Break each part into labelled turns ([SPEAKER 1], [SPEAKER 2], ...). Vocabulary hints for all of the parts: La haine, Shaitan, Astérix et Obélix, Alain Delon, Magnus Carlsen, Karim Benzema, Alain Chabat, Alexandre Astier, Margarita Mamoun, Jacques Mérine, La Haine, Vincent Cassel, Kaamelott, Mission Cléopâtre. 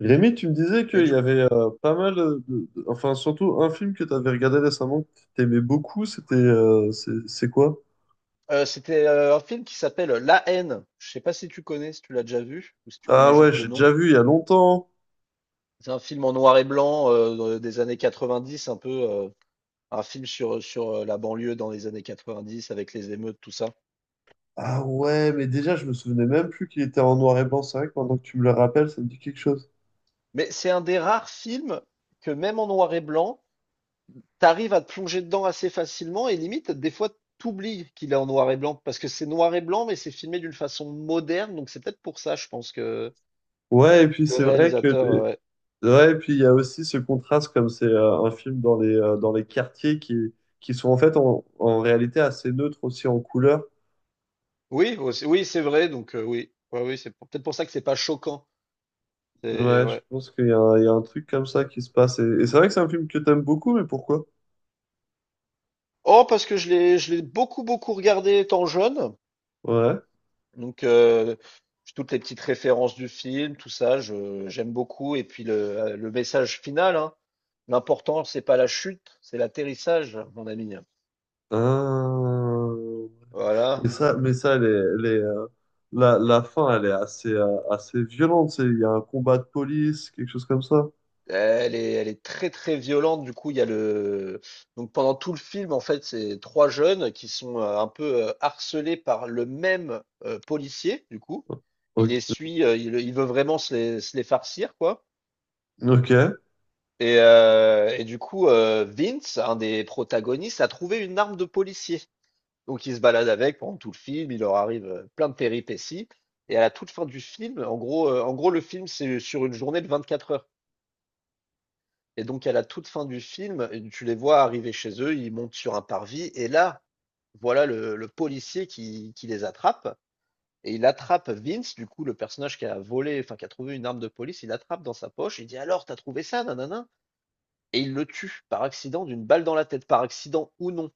[SPEAKER 1] Rémi, tu me disais
[SPEAKER 2] Et
[SPEAKER 1] qu'il y
[SPEAKER 2] du
[SPEAKER 1] avait pas mal de. Enfin, surtout un film que tu avais regardé récemment que tu aimais beaucoup, c'était c'est quoi?
[SPEAKER 2] C'était un film qui s'appelle La Haine. Je sais pas si tu connais, si tu l'as déjà vu ou si tu connais
[SPEAKER 1] Ah ouais,
[SPEAKER 2] juste de
[SPEAKER 1] j'ai
[SPEAKER 2] nom?
[SPEAKER 1] déjà vu il y a longtemps.
[SPEAKER 2] C'est un film en noir et blanc, des années 90, un peu, un film sur la banlieue dans les années 90 avec les émeutes, tout ça.
[SPEAKER 1] Ah ouais, mais déjà, je me souvenais même plus qu'il était en noir et blanc. C'est vrai que maintenant que tu me le rappelles, ça me dit quelque chose.
[SPEAKER 2] Mais c'est un des rares films que même en noir et blanc, t'arrives à te plonger dedans assez facilement et limite, des fois, t'oublies qu'il est en noir et blanc parce que c'est noir et blanc, mais c'est filmé d'une façon moderne, donc c'est peut-être pour ça, je pense que
[SPEAKER 1] Ouais, et puis
[SPEAKER 2] le
[SPEAKER 1] c'est vrai que...
[SPEAKER 2] réalisateur,
[SPEAKER 1] Ouais, et puis il y a aussi ce contraste, comme c'est un film dans les quartiers qui sont en fait en réalité assez neutres aussi en couleur.
[SPEAKER 2] Oui, c'est vrai, oui, peut-être pour ça que c'est pas choquant. C'est
[SPEAKER 1] Ouais, je
[SPEAKER 2] ouais.
[SPEAKER 1] pense qu'il y a, il y a un truc comme ça qui se passe. Et c'est vrai que c'est un film que t'aimes beaucoup, mais pourquoi?
[SPEAKER 2] Oh, parce que je l'ai beaucoup, beaucoup regardé étant jeune,
[SPEAKER 1] Ouais.
[SPEAKER 2] donc euh, toutes les petites références du film, tout ça, j'aime beaucoup. Et puis le message final, hein. L'important, c'est pas la chute, c'est l'atterrissage, mon ami.
[SPEAKER 1] Ah.
[SPEAKER 2] Voilà.
[SPEAKER 1] Mais ça, les, la, la fin, elle est assez, assez violente. Il y a un combat de police, quelque chose comme ça.
[SPEAKER 2] Elle est très très violente. Du coup, il y a le donc pendant tout le film, en fait, c'est trois jeunes qui sont un peu harcelés par le même policier. Du coup,
[SPEAKER 1] O-
[SPEAKER 2] il les
[SPEAKER 1] Ok.
[SPEAKER 2] suit, il veut vraiment se les farcir, quoi.
[SPEAKER 1] Ok.
[SPEAKER 2] Vince, un des protagonistes, a trouvé une arme de policier. Donc, il se balade avec pendant tout le film. Il leur arrive plein de péripéties. Et à la toute fin du film, en gros, le film, c'est sur une journée de 24 heures. Et donc à la toute fin du film, tu les vois arriver chez eux, ils montent sur un parvis et là, voilà le policier qui les attrape et il attrape Vince, du coup, le personnage qui a volé, enfin qui a trouvé une arme de police, il l'attrape dans sa poche, il dit: «Alors, t'as trouvé ça? Nanana et il le tue par accident d'une balle dans la tête, par accident ou non.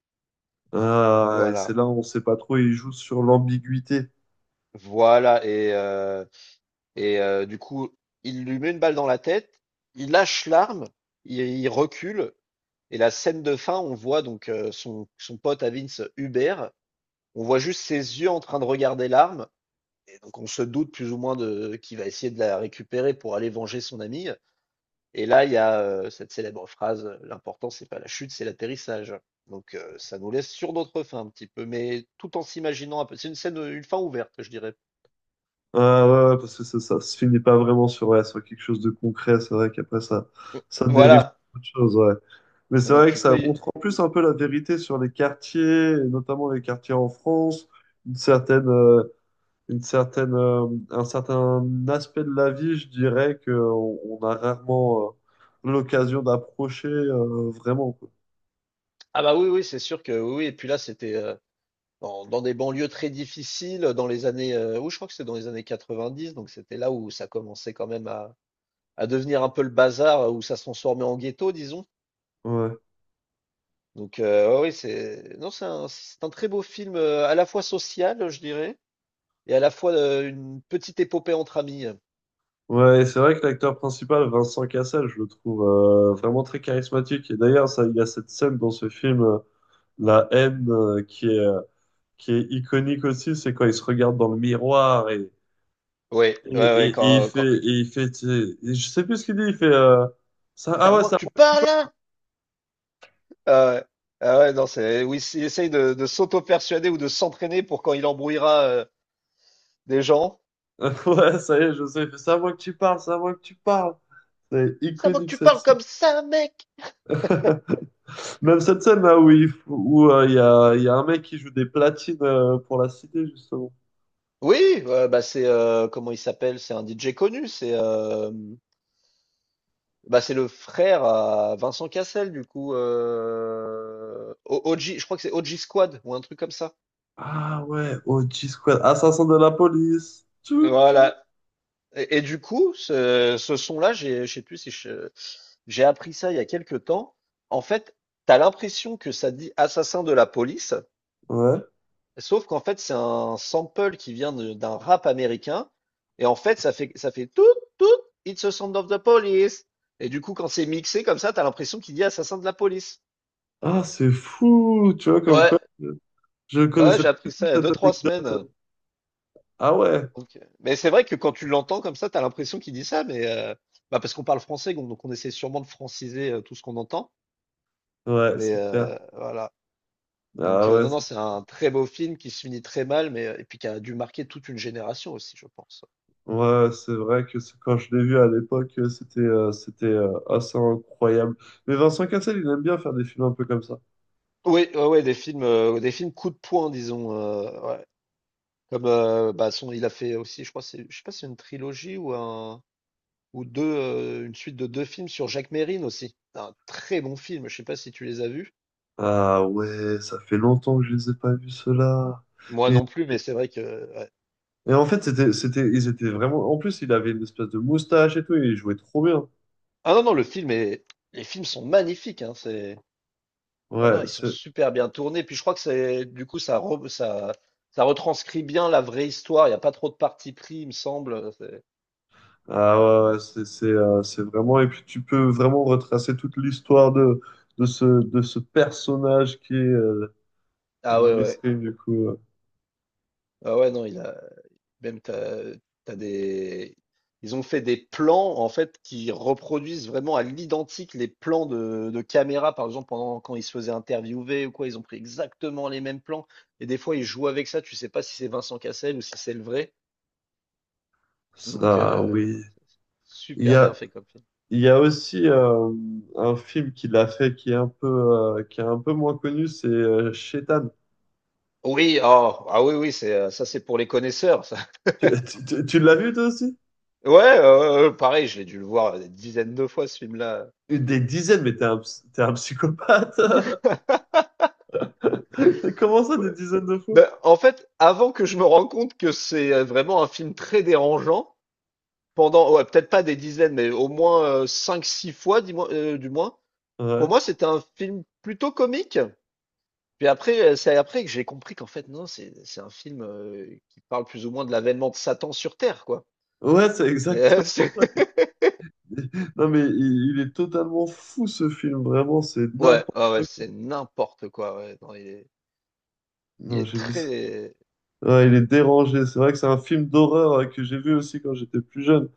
[SPEAKER 2] Donc,
[SPEAKER 1] Ah, et
[SPEAKER 2] voilà,
[SPEAKER 1] c'est là où on sait pas trop, il joue sur l'ambiguïté.
[SPEAKER 2] voilà et heu et heu, du coup, il lui met une balle dans la tête, il lâche l'arme, il recule et la scène de fin, on voit donc, son pote à Vince, Hubert. On voit juste ses yeux en train de regarder l'arme. Et donc on se doute plus ou moins de qu'il va essayer de la récupérer pour aller venger son ami. Et là, il y a cette célèbre phrase l'important, c'est pas la chute, c'est l'atterrissage. Ça nous laisse sur notre fin un petit peu, mais tout en s'imaginant un peu. C'est une scène, une fin ouverte, je dirais.
[SPEAKER 1] Ah ouais, ouais, ouais, parce que ça se finit pas vraiment sur, ouais, sur quelque chose de concret. C'est vrai qu'après, ça dérive
[SPEAKER 2] Voilà.
[SPEAKER 1] sur autre chose, ouais. Mais c'est
[SPEAKER 2] Donc,
[SPEAKER 1] vrai que
[SPEAKER 2] tu
[SPEAKER 1] ça
[SPEAKER 2] peux. y-
[SPEAKER 1] montre en plus un peu la vérité sur les quartiers, et notamment les quartiers en France, une certaine, euh, une certaine, un certain aspect de la vie, je dirais, que on a rarement l'occasion d'approcher vraiment, quoi.
[SPEAKER 2] Ah bah oui, oui, c'est sûr que oui. Oui. Et puis là, dans des banlieues très difficiles, dans les années. Oui, je crois que c'est dans les années 90, donc c'était là où ça commençait quand même à devenir un peu le bazar où ça se transformait en ghetto, disons.
[SPEAKER 1] Ouais.
[SPEAKER 2] Oui, c'est non, c'est un très beau film à la fois social, je dirais, et à la fois une petite épopée entre amis.
[SPEAKER 1] Ouais, et c'est vrai que l'acteur principal, Vincent Cassel, je le trouve vraiment très charismatique. Et d'ailleurs, ça, il y a cette scène dans ce film, La Haine, qui est iconique aussi. C'est quand il se regarde dans le miroir
[SPEAKER 2] Oui, ouais, ouais,
[SPEAKER 1] Et il fait, tu je sais plus ce qu'il dit, il fait, ça,
[SPEAKER 2] C'est à
[SPEAKER 1] ah ouais,
[SPEAKER 2] moi que
[SPEAKER 1] ça,
[SPEAKER 2] tu parles, là? Ah ouais, ah ouais, non, c'est oui, il essaye de s'auto-persuader ou de s'entraîner pour quand il embrouillera des gens.
[SPEAKER 1] ouais, ça y est, je sais, il fait, c'est à moi que tu parles, c'est à moi que tu parles. C'est
[SPEAKER 2] C'est à moi que
[SPEAKER 1] iconique
[SPEAKER 2] tu parles
[SPEAKER 1] celle-ci.
[SPEAKER 2] comme ça, mec!
[SPEAKER 1] Même cette scène là où il y a un mec qui joue des platines pour la cité, justement.
[SPEAKER 2] Oui, ouais, bah c'est comment il s'appelle? C'est un DJ connu, c'est bah, c'est le frère à Vincent Cassel, du coup. OG, je crois que c'est OG Squad ou un truc comme ça.
[SPEAKER 1] Ah ouais, OG Squad, assassin de la police. Tchou, tchou.
[SPEAKER 2] Voilà. Ce son-là, j'ai- je sais plus si je- j'ai appris ça il y a quelques temps. En fait, t'as l'impression que ça dit assassin de la police,
[SPEAKER 1] Ouais.
[SPEAKER 2] sauf qu'en fait, c'est un sample d'un rap américain. Et en fait, ça fait tout, tout, it's a sound of the police. Et du coup, quand c'est mixé comme ça, t'as l'impression qu'il dit assassin de la police.
[SPEAKER 1] Ah, c'est fou, tu vois, comme
[SPEAKER 2] Ouais,
[SPEAKER 1] quoi, je
[SPEAKER 2] ouais,
[SPEAKER 1] connaissais
[SPEAKER 2] j'ai
[SPEAKER 1] pas
[SPEAKER 2] appris ça
[SPEAKER 1] du tout
[SPEAKER 2] il y a
[SPEAKER 1] cette
[SPEAKER 2] deux-trois
[SPEAKER 1] technique.
[SPEAKER 2] semaines.
[SPEAKER 1] Ah ouais,
[SPEAKER 2] Mais c'est vrai que quand tu l'entends comme ça, tu as l'impression qu'il dit ça, bah parce qu'on parle français, donc on essaie sûrement de franciser tout ce qu'on entend.
[SPEAKER 1] ouais, c'est clair.
[SPEAKER 2] Voilà.
[SPEAKER 1] Ah ouais,
[SPEAKER 2] Non, non, c'est un très beau film qui se finit très mal, et puis qui a dû marquer toute une génération aussi, je pense.
[SPEAKER 1] ouais, c'est vrai que quand je l'ai vu à l'époque, c'était assez incroyable. Mais Vincent Cassel, il aime bien faire des films un peu comme ça.
[SPEAKER 2] Oui, ouais, ouais, des films coup de poing, disons. Ouais. Il a fait aussi, je crois, c'est, je sais pas, si c'est une trilogie ou deux, une suite de deux films sur Jacques Mérine aussi. Un très bon film. Je sais pas si tu les as vus.
[SPEAKER 1] Ah ouais, ça fait longtemps que je les ai pas vus ceux-là.
[SPEAKER 2] Moi
[SPEAKER 1] Mais
[SPEAKER 2] non plus, mais c'est vrai que ouais.
[SPEAKER 1] et en fait, c'était ils étaient vraiment. En plus, il avait une espèce de moustache et tout, et il jouait trop bien.
[SPEAKER 2] Ah non, non, le film est... Les films sont magnifiques, hein, c'est... Non, non,
[SPEAKER 1] Ouais,
[SPEAKER 2] ils sont
[SPEAKER 1] c'est.
[SPEAKER 2] super bien tournés. Puis je crois que c'est... ça retranscrit bien la vraie histoire. Il n'y a pas trop de parti pris, il me semble.
[SPEAKER 1] Ah ouais, ouais, ouais, c'est c'est vraiment. Et puis tu peux vraiment retracer toute l'histoire de ce personnage qui est
[SPEAKER 2] Ah ouais, ouais.
[SPEAKER 1] mesquin du coup.
[SPEAKER 2] Ah ouais, non, il a... Même t'as... t'as des... Ils ont fait des plans, en fait, qui reproduisent vraiment à l'identique les plans de caméra, par exemple, pendant quand ils se faisaient interviewer ou quoi, ils ont pris exactement les mêmes plans. Et des fois, ils jouent avec ça, tu sais pas si c'est Vincent Cassel ou si c'est le vrai. Donc,
[SPEAKER 1] Ça
[SPEAKER 2] euh,
[SPEAKER 1] oui. Il y
[SPEAKER 2] super bien
[SPEAKER 1] a
[SPEAKER 2] fait comme film.
[SPEAKER 1] Il y a aussi un film qu'il a fait qui est un peu, qui est un peu moins connu, c'est Shaitan.
[SPEAKER 2] Oui, ah oui, oui, c'est ça, c'est pour les connaisseurs, ça.
[SPEAKER 1] Tu l'as vu toi aussi?
[SPEAKER 2] Ouais, pareil, je l'ai dû le voir des dizaines de fois, ce film-là.
[SPEAKER 1] Des dizaines, mais t'es un psychopathe. Comment ça,
[SPEAKER 2] Ouais.
[SPEAKER 1] des dizaines de fois?
[SPEAKER 2] Ben, en fait, avant que je me rende compte que c'est vraiment un film très dérangeant, pendant, ouais, peut-être pas des dizaines, mais au moins cinq, six fois, dis-moi, du moins, pour
[SPEAKER 1] Ouais.
[SPEAKER 2] moi, c'était un film plutôt comique. Puis après, c'est après que j'ai compris qu'en fait, non, c'est un film qui parle plus ou moins de l'avènement de Satan sur Terre, quoi.
[SPEAKER 1] Ouais, c'est exact. Non, mais il est totalement fou ce film, vraiment, c'est n'importe
[SPEAKER 2] Ouais, ouais, ouais,
[SPEAKER 1] quoi.
[SPEAKER 2] c'est n'importe quoi. Ouais. Non, il
[SPEAKER 1] Non,
[SPEAKER 2] est
[SPEAKER 1] j'ai vu ça.
[SPEAKER 2] très.
[SPEAKER 1] Ouais, il est dérangé. C'est vrai que c'est un film d'horreur que j'ai vu aussi quand j'étais plus jeune.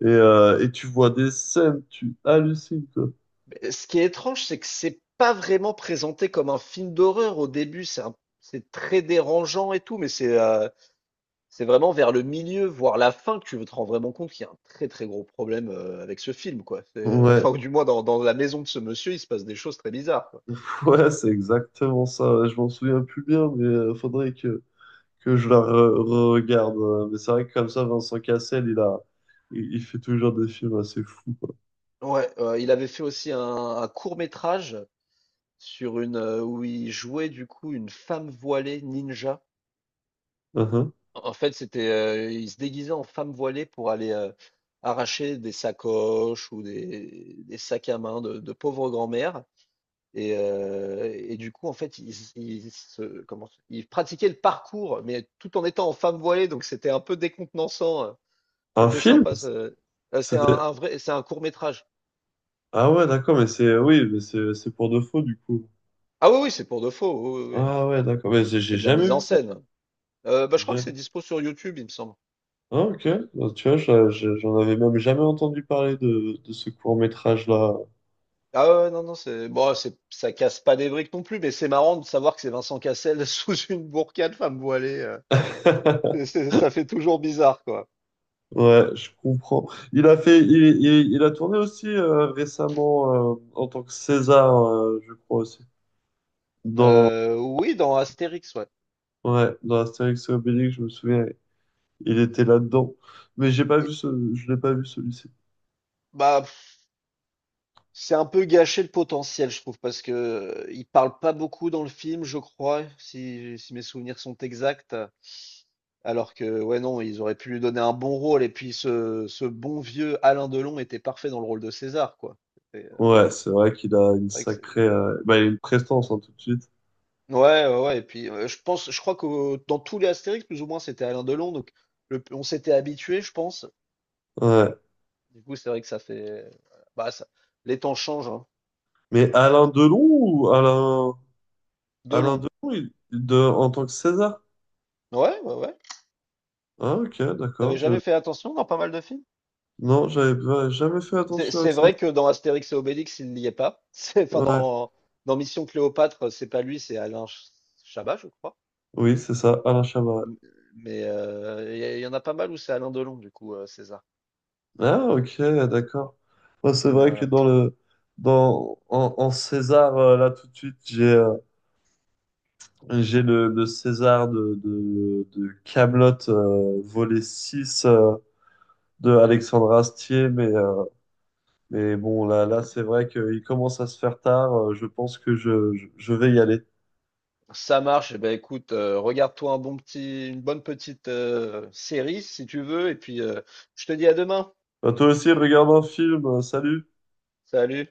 [SPEAKER 1] Et tu vois des scènes, tu hallucines, quoi.
[SPEAKER 2] Mais ce qui est étrange, c'est que c'est pas vraiment présenté comme un film d'horreur au début. C'est très dérangeant et tout, c'est vraiment vers le milieu, voire la fin, que tu te rends vraiment compte qu'il y a un très très gros problème avec ce film, quoi.
[SPEAKER 1] Ouais.
[SPEAKER 2] Enfin, ou du moins dans la maison de ce monsieur, il se passe des choses très bizarres, quoi.
[SPEAKER 1] Ouais, c'est exactement ça. Ouais, je m'en souviens plus bien, mais faudrait que je la regarde. Mais c'est vrai que comme ça, Vincent Cassel, il fait toujours des films assez fous, quoi.
[SPEAKER 2] Ouais, il avait fait aussi un court-métrage sur une où il jouait du coup une femme voilée ninja.
[SPEAKER 1] Mhm.
[SPEAKER 2] En fait, ils se déguisaient en femmes voilées pour aller, arracher des sacoches ou des sacs à main de pauvres grand-mères et et du coup, en fait, ils ils se comment ils pratiquaient le parcours, mais tout en étant en femmes voilées, donc c'était un peu décontenançant,
[SPEAKER 1] Un
[SPEAKER 2] c'était
[SPEAKER 1] film?
[SPEAKER 2] sympa ce c'est un
[SPEAKER 1] C'était...
[SPEAKER 2] court-métrage.
[SPEAKER 1] Ah ouais, d'accord, mais c'est... Oui, mais c'est pour de faux, du coup.
[SPEAKER 2] Ah oui, oui, c'est pour de faux, oui, oui,
[SPEAKER 1] Ah
[SPEAKER 2] oui.
[SPEAKER 1] ouais, d'accord, mais j'ai
[SPEAKER 2] C'est
[SPEAKER 1] j'ai
[SPEAKER 2] de la
[SPEAKER 1] jamais
[SPEAKER 2] mise en
[SPEAKER 1] vu ça.
[SPEAKER 2] scène. Bah,
[SPEAKER 1] J'ai
[SPEAKER 2] je crois que
[SPEAKER 1] jamais-
[SPEAKER 2] c'est dispo sur YouTube, il me semble.
[SPEAKER 1] Ah ok, bah, tu vois, j'en avais même jamais entendu parler de ce court-métrage-là.
[SPEAKER 2] Ah ouais, ouais, non, non, c'est bon, c'est ça casse pas des briques non plus, mais c'est marrant de savoir que c'est Vincent Cassel sous une burqa de femme voilée. Ça fait toujours bizarre, quoi.
[SPEAKER 1] Ouais, je comprends. Il a fait, il- Il a tourné aussi récemment en tant que César, je crois aussi. Dans,
[SPEAKER 2] Oui, dans Astérix, ouais.
[SPEAKER 1] ouais, dans Astérix et Obélix, je me souviens, il était là-dedans. Mais j'ai pas
[SPEAKER 2] Et-
[SPEAKER 1] vu ce, je l'ai pas vu celui-ci.
[SPEAKER 2] Bah, pff, c'est un peu gâché le potentiel, je trouve, parce que il parle pas beaucoup dans le film, je crois, si mes souvenirs sont exacts. Alors que, ouais, non, ils auraient pu lui donner un bon rôle, et puis ce bon vieux Alain Delon était parfait dans le rôle de César, quoi.
[SPEAKER 1] Ouais, c'est vrai qu'il a une
[SPEAKER 2] C'est vrai
[SPEAKER 1] sacrée,
[SPEAKER 2] que
[SPEAKER 1] bah, il a une prestance hein, tout de suite.
[SPEAKER 2] ouais, ouais, ouais, et puis je crois que dans tous les Astérix, plus ou moins, c'était Alain Delon, donc le on s'était habitué, je pense.
[SPEAKER 1] Ouais.
[SPEAKER 2] Du coup, c'est vrai que ça fait bah, ça les temps changent, hein.
[SPEAKER 1] Mais Alain Delon ou Alain, Alain
[SPEAKER 2] Delon.
[SPEAKER 1] Delon, en tant que César?
[SPEAKER 2] Ouais, ouais, ouais.
[SPEAKER 1] Ah, ok, d'accord.
[SPEAKER 2] Tu
[SPEAKER 1] Je,
[SPEAKER 2] jamais fait attention dans pas mal de films?
[SPEAKER 1] non, j'avais jamais fait attention à
[SPEAKER 2] C'est
[SPEAKER 1] ça.
[SPEAKER 2] vrai que dans Astérix et Obélix, il n'y est pas. C'est enfin
[SPEAKER 1] Ouais.
[SPEAKER 2] dans Dans Mission Cléopâtre, c'est pas lui, c'est Alain Ch Chabat, je crois.
[SPEAKER 1] Oui, c'est ça, Alain Chabat.
[SPEAKER 2] M mais il y a Il y en a pas mal où c'est Alain Delon, du coup, César.
[SPEAKER 1] Ah, ok, d'accord. Moi, c'est vrai que
[SPEAKER 2] Voilà.
[SPEAKER 1] dans le dans en, en César là tout de suite, j'ai le César de Kaamelott volet 6 de Alexandre Astier mais bon là c'est vrai qu'il commence à se faire tard, je pense que je vais y aller.
[SPEAKER 2] Ça marche. Eh ben, écoute, regarde-toi une bonne petite série si tu veux, et puis je te dis à demain.
[SPEAKER 1] Bah, toi aussi regarde un film, salut.
[SPEAKER 2] Salut.